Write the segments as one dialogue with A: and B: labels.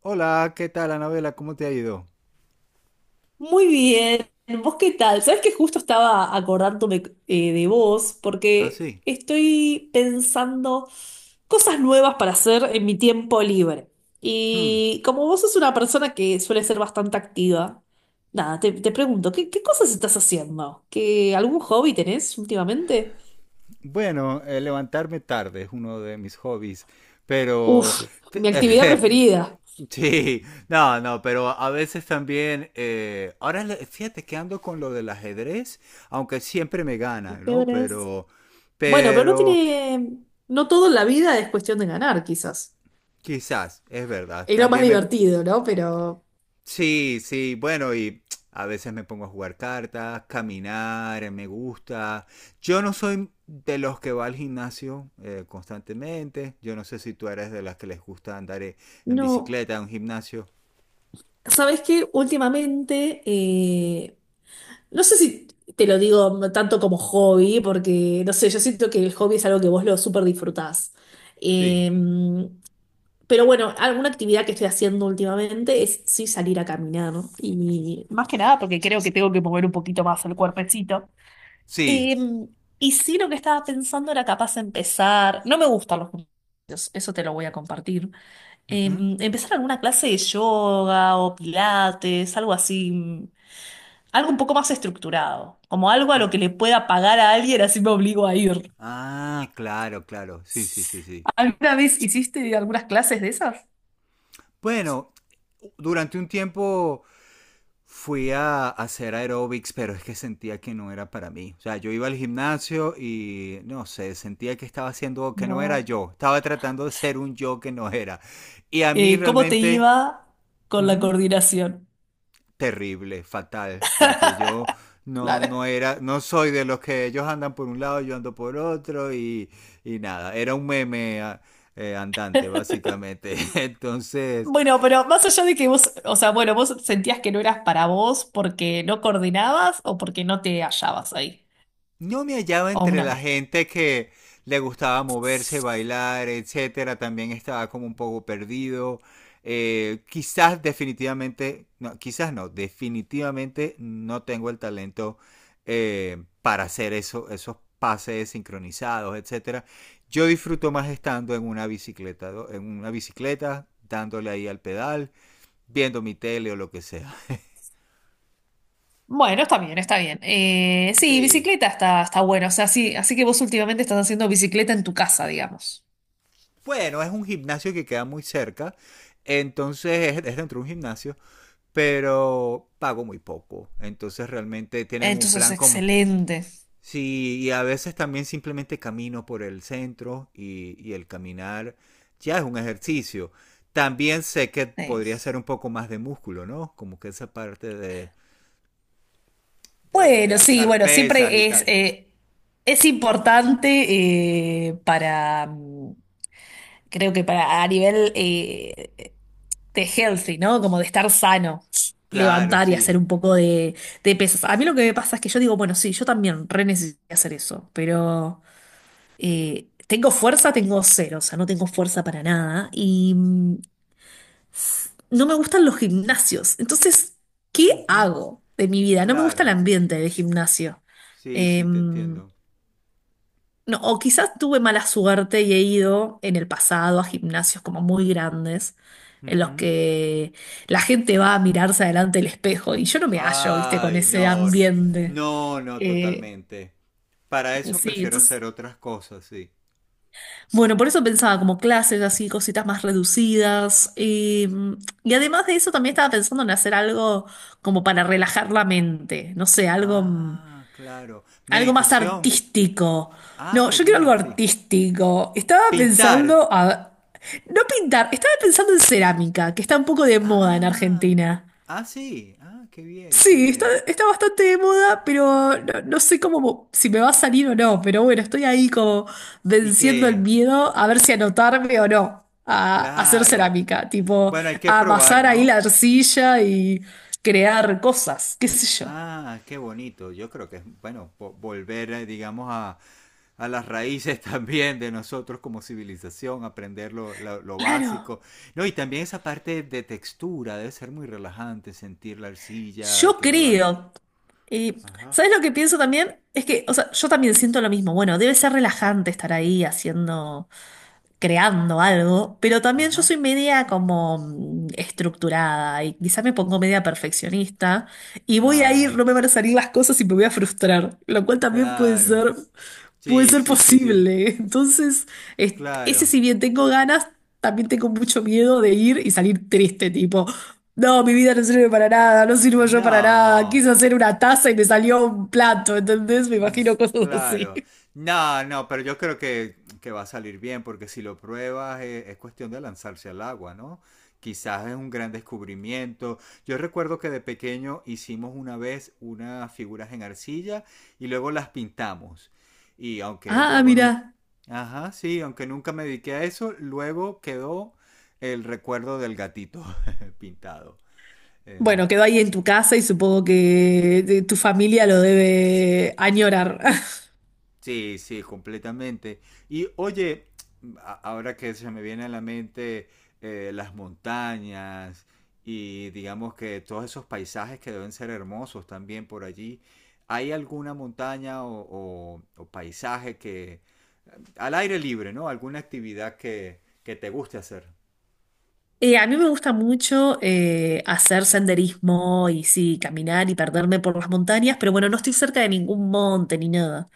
A: Hola, ¿qué tal, Anabela? ¿Cómo te ha ido?
B: Muy bien, ¿vos qué tal? Sabes que justo estaba acordándome de vos
A: Ah,
B: porque
A: sí.
B: estoy pensando cosas nuevas para hacer en mi tiempo libre.
A: Hmm.
B: Y como vos sos una persona que suele ser bastante activa, nada, te pregunto, qué cosas estás haciendo? ¿Qué, algún hobby tenés últimamente?
A: Bueno, levantarme tarde es uno de mis hobbies,
B: Uf,
A: pero... te-
B: mi actividad preferida.
A: sí, no, no, pero a veces también... ahora, fíjate que ando con lo del ajedrez, aunque siempre me
B: El
A: ganan, ¿no?
B: ajedrez. Bueno, pero no
A: Pero...
B: tiene, no todo en la vida es cuestión de ganar, quizás.
A: Quizás, es verdad.
B: Es lo más
A: También me,
B: divertido, ¿no? Pero...
A: sí, sí, bueno, y a veces me pongo a jugar cartas, caminar, me gusta. Yo no soy de los que va al gimnasio constantemente. Yo no sé si tú eres de las que les gusta andar en
B: No,
A: bicicleta, en un gimnasio.
B: ¿sabes qué? Últimamente, no sé si te lo digo tanto como hobby, porque no sé, yo siento que el hobby es algo que vos lo súper disfrutás.
A: Sí.
B: Eh, pero bueno, alguna actividad que estoy haciendo últimamente es sí salir a caminar, ¿no? Y más que nada porque creo que tengo que mover un poquito más el cuerpecito.
A: Sí.
B: Eh, y sí, lo que estaba pensando era capaz de empezar. No me gustan los gimnasios, eso te lo voy a compartir.
A: Ujú.
B: Empezar alguna clase de yoga o pilates, algo así, algo un poco más estructurado, como algo a
A: Eh,
B: lo que le pueda pagar a alguien, así me obligo a ir.
A: Ah, claro, claro. Sí, sí, sí, sí.
B: ¿Alguna vez hiciste algunas clases de esas?
A: Bueno, durante un tiempo fui a hacer aeróbics, pero es que sentía que no era para mí. O sea, yo iba al gimnasio y no sé, sentía que estaba haciendo que no era
B: No.
A: yo. Estaba tratando de ser un yo que no era. Y a mí
B: ¿Cómo te
A: realmente,
B: iba con la
A: ujú,
B: coordinación?
A: terrible, fatal, porque yo no,
B: Claro.
A: no era, no soy de los que ellos andan por un lado, yo ando por otro y nada. Era un meme andante, básicamente. Entonces,
B: Bueno, pero más allá de que vos, o sea, bueno, vos sentías que no eras para vos porque no coordinabas o porque no te hallabas ahí,
A: no me hallaba
B: o
A: entre
B: una
A: la
B: mezcla.
A: gente que le gustaba moverse, bailar, etcétera. También estaba como un poco perdido. Quizás definitivamente, no, quizás no, definitivamente no tengo el talento para hacer esos pases sincronizados, etcétera. Yo disfruto más estando en una bicicleta, ¿no? En una bicicleta, dándole ahí al pedal, viendo mi tele o lo que sea.
B: Bueno, está bien, está bien. Sí,
A: Sí,
B: bicicleta está, está bueno. O sea, sí, así que vos últimamente estás haciendo bicicleta en tu casa, digamos.
A: bueno, es un gimnasio que queda muy cerca. Entonces es dentro de un gimnasio, pero pago muy poco. Entonces realmente tienen un
B: Entonces,
A: plan como...
B: excelente.
A: Sí, y a veces también simplemente camino por el centro y el caminar ya es un ejercicio. También sé que podría
B: Sí.
A: ser un poco más de músculo, ¿no? Como que esa parte de, de
B: Bueno, sí,
A: alzar
B: bueno,
A: pesas y
B: siempre
A: tal.
B: es importante para, creo que para a nivel de healthy, ¿no? Como de estar sano,
A: Claro,
B: levantar y
A: sí.
B: hacer un poco de pesas. A mí lo que me pasa es que yo digo, bueno, sí, yo también re necesito hacer eso, pero... tengo fuerza, tengo cero, o sea, no tengo fuerza para nada y no me gustan los gimnasios. Entonces, ¿qué
A: Ujú,
B: hago de mi vida? No me gusta el
A: claro.
B: ambiente de gimnasio.
A: Sí, sí, te
B: No,
A: entiendo.
B: o quizás tuve mala suerte y he ido en el pasado a gimnasios como muy grandes en los
A: Ujú.
B: que la gente va a mirarse adelante el espejo y yo no me hallo, viste, con
A: Ay,
B: ese
A: no.
B: ambiente.
A: No, no,
B: Eh,
A: totalmente. Para eso
B: sí,
A: prefiero
B: entonces...
A: hacer otras cosas, sí.
B: Bueno, por eso pensaba como clases así, cositas más reducidas. Y además de eso también estaba pensando en hacer algo como para relajar la mente, no sé, algo,
A: Ah, claro.
B: algo más
A: Meditación.
B: artístico.
A: Ah,
B: No,
A: qué
B: yo quiero algo
A: bien, sí.
B: artístico. Estaba
A: Pintar.
B: pensando a... No pintar, estaba pensando en cerámica, que está un poco de moda en
A: Ah,
B: Argentina.
A: ah, sí. Ah, qué bien, qué
B: Sí, está,
A: bien.
B: está bastante de moda, pero no, no sé cómo si me va a salir o no. Pero bueno, estoy ahí como
A: Y
B: venciendo el
A: que,
B: miedo a ver si anotarme o no a hacer
A: claro.
B: cerámica, tipo
A: Bueno, hay que
B: a amasar
A: probar,
B: ahí
A: ¿no?
B: la arcilla y crear cosas, qué sé yo.
A: Ah, qué bonito. Yo creo que es, bueno, volver, digamos, a las raíces también de nosotros como civilización, aprender lo, lo
B: Claro,
A: básico. No, y también esa parte de textura, debe ser muy relajante sentir la arcilla y
B: yo
A: que le va.
B: creo. Y,
A: Ajá.
B: ¿sabes lo que pienso también? Es que, o sea, yo también siento lo mismo. Bueno, debe ser relajante estar ahí haciendo. Creando algo, pero también yo
A: Ajá.
B: soy media como estructurada y quizás me pongo media perfeccionista y voy a ir,
A: Ah,
B: no me van a salir las cosas y me voy a frustrar, lo cual también
A: claro.
B: puede
A: Sí,
B: ser
A: sí, sí, sí.
B: posible. Entonces, ese
A: Claro.
B: si bien tengo ganas, también tengo mucho miedo de ir y salir triste, tipo, no, mi vida no sirve para nada, no sirvo yo para nada,
A: No.
B: quise hacer una taza y me salió un plato, ¿entendés? Me
A: Mm,
B: imagino cosas así.
A: claro. No, no, pero yo creo que va a salir bien, porque si lo pruebas es, cuestión de lanzarse al agua, ¿no? Quizás es un gran descubrimiento. Yo recuerdo que de pequeño hicimos una vez unas figuras en arcilla y luego las pintamos. Y aunque
B: Ah,
A: luego nunca...
B: mira.
A: Ajá, sí, aunque nunca me dediqué a eso, luego quedó el recuerdo del gatito pintado. eh,
B: Bueno, quedó ahí en tu casa y supongo que tu familia lo debe añorar.
A: Sí, sí, completamente. Y oye, ahora que se me viene a la mente las montañas y digamos que todos esos paisajes que deben ser hermosos también por allí, ¿hay alguna montaña o, o paisaje que al aire libre, ¿no? ¿Alguna actividad que te guste hacer?
B: A mí me gusta mucho hacer senderismo y sí, caminar y perderme por las montañas, pero bueno, no estoy cerca de ningún monte ni nada.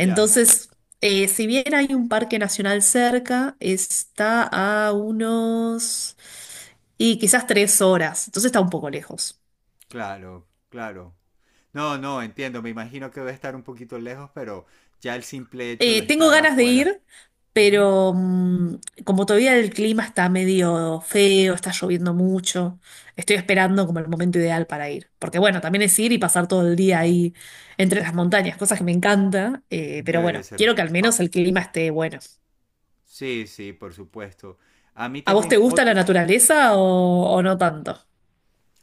A: Ya,
B: si bien hay un parque nacional cerca, está a unos... y quizás 3 horas, entonces está un poco lejos.
A: claro, claro. No, no, entiendo, me imagino que debe estar un poquito lejos, pero ya el simple hecho de
B: Tengo
A: estar
B: ganas de
A: afuera.
B: ir,
A: Ujú,
B: pero como todavía el clima está medio feo, está lloviendo mucho, estoy esperando como el momento ideal para ir. Porque bueno, también es ir y pasar todo el día ahí entre las montañas, cosas que me encanta, pero
A: debería
B: bueno,
A: ser
B: quiero que al
A: fa-
B: menos el clima esté bueno.
A: sí, sí, por supuesto. A mí
B: ¿A vos
A: también,
B: te gusta la naturaleza o no tanto?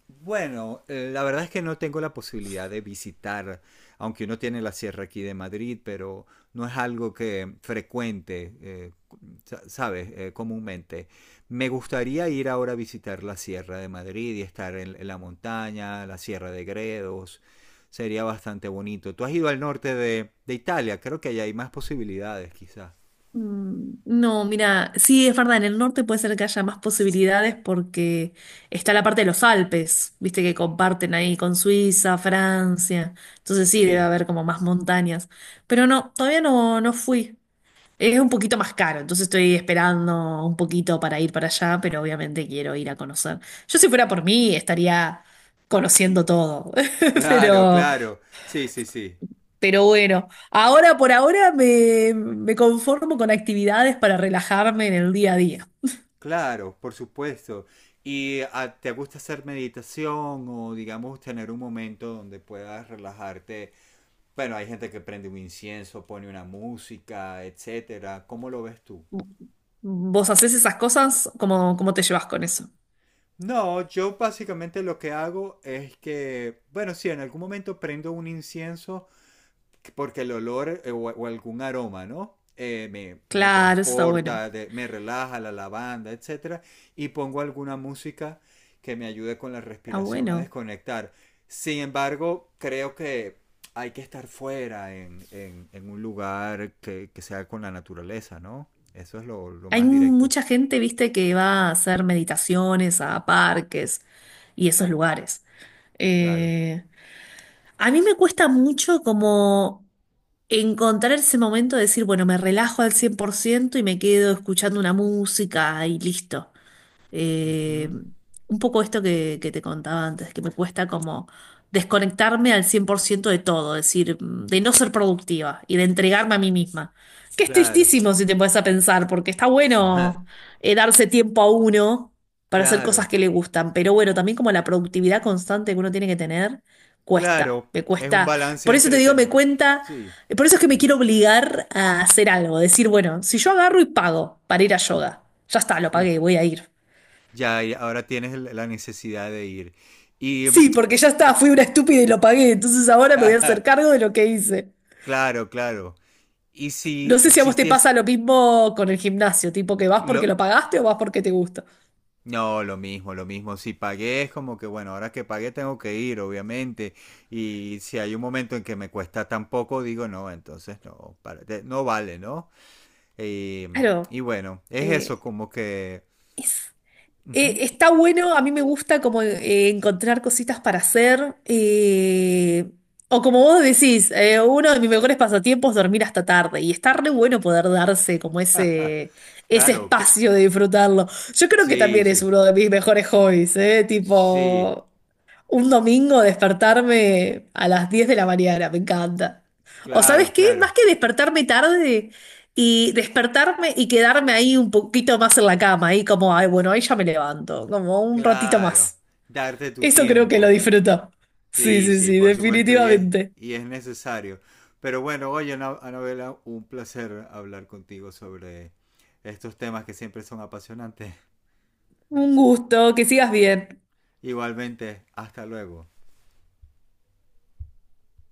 A: bueno, la verdad es que no tengo la posibilidad de visitar, aunque uno tiene la sierra aquí de Madrid, pero no es algo que frecuente, ¿sabes? Comúnmente. Me gustaría ir ahora a visitar la sierra de Madrid y estar en la montaña, la sierra de Gredos. Sería bastante bonito. Tú has ido al norte de Italia, creo que allá hay más posibilidades, quizás.
B: No, mira, sí, es verdad, en el norte puede ser que haya más posibilidades porque está la parte de los Alpes, viste que comparten ahí con Suiza, Francia, entonces sí, debe
A: Sí,
B: haber como más montañas, pero no, todavía no, no fui, es un poquito más caro, entonces estoy esperando un poquito para ir para allá, pero obviamente quiero ir a conocer. Yo si fuera por mí estaría conociendo todo,
A: claro,
B: pero...
A: claro. Sí, sí, sí.
B: Pero bueno, ahora por ahora me conformo con actividades para relajarme en el día a día.
A: Claro, por supuesto. ¿Y te gusta hacer meditación o digamos tener un momento donde puedas relajarte? Bueno, hay gente que prende un incienso, pone una música, etcétera. ¿Cómo lo ves tú?
B: ¿Vos hacés esas cosas? Cómo te llevas con eso?
A: No, yo básicamente lo que hago es que, bueno, sí, en algún momento prendo un incienso porque el olor o algún aroma, ¿no? Me, me
B: Claro, eso está bueno.
A: transporta, me relaja la lavanda, etcétera, y pongo alguna música que me ayude con la
B: Está
A: respiración a
B: bueno.
A: desconectar. Sin embargo, creo que hay que estar fuera en, en un lugar que sea con la naturaleza, ¿no? Eso es lo
B: Hay
A: más directo.
B: mucha gente, viste, que va a hacer meditaciones a parques y esos lugares.
A: Claro.
B: Eh, a mí me cuesta mucho como encontrar ese momento de decir, bueno, me relajo al 100% y me quedo escuchando una música y listo. Eh,
A: Ujú.
B: un poco esto que te contaba antes, que me cuesta como desconectarme al 100% de todo, es decir, de no ser productiva y de entregarme a mí misma. Que es
A: Claro.
B: tristísimo si te pones a pensar, porque está bueno darse tiempo a uno para hacer cosas
A: Claro.
B: que le gustan, pero bueno, también como la productividad constante que uno tiene que tener, cuesta,
A: Claro.
B: me
A: Es un
B: cuesta.
A: balance
B: Por eso te
A: entre...
B: digo, me cuenta...
A: sí.
B: Por eso es que me quiero obligar a hacer algo, decir, bueno, si yo agarro y pago para ir a yoga, ya está, lo pagué, voy a ir.
A: Ya, y ahora tienes la necesidad de ir. Y
B: Sí, porque ya está, fui una estúpida y lo pagué, entonces ahora me voy a hacer cargo de lo que hice.
A: claro, claro. Y
B: No
A: si
B: sé si a vos te
A: existiese
B: pasa lo mismo con el gimnasio, tipo que vas porque
A: lo
B: lo pagaste o vas porque te gusta.
A: no, lo mismo, lo mismo. Si pagué es como que bueno, ahora que pagué tengo que ir, obviamente. Y si hay un momento en que me cuesta tan poco, digo no, entonces no, no vale, ¿no? Eh,
B: Claro,
A: y bueno, es eso
B: eh,
A: como que
B: es-
A: ujú.
B: está bueno, a mí me gusta como encontrar cositas para hacer, o como vos decís, uno de mis mejores pasatiempos es dormir hasta tarde y está re bueno poder darse como ese
A: Claro, que
B: espacio de disfrutarlo. Yo creo que
A: sí,
B: también es
A: sí.
B: uno de mis mejores hobbies, ¿eh?
A: Sí,
B: Tipo... Un domingo despertarme a las 10 de la mañana, me encanta. O
A: claro,
B: sabes qué, más
A: claro.
B: que despertarme tarde y despertarme y quedarme ahí un poquito más en la cama, ahí como, ay, bueno, ahí ya me levanto, como un ratito
A: Claro,
B: más.
A: darte tu
B: Eso creo que lo
A: tiempo, ¿no?
B: disfruto. Sí,
A: Sí,
B: sí,
A: sí,
B: sí,
A: por supuesto,
B: definitivamente.
A: y es necesario. Pero bueno, oye, Anabela, un placer hablar contigo sobre estos temas que siempre son apasionantes.
B: Un gusto, que sigas bien.
A: Igualmente, hasta luego.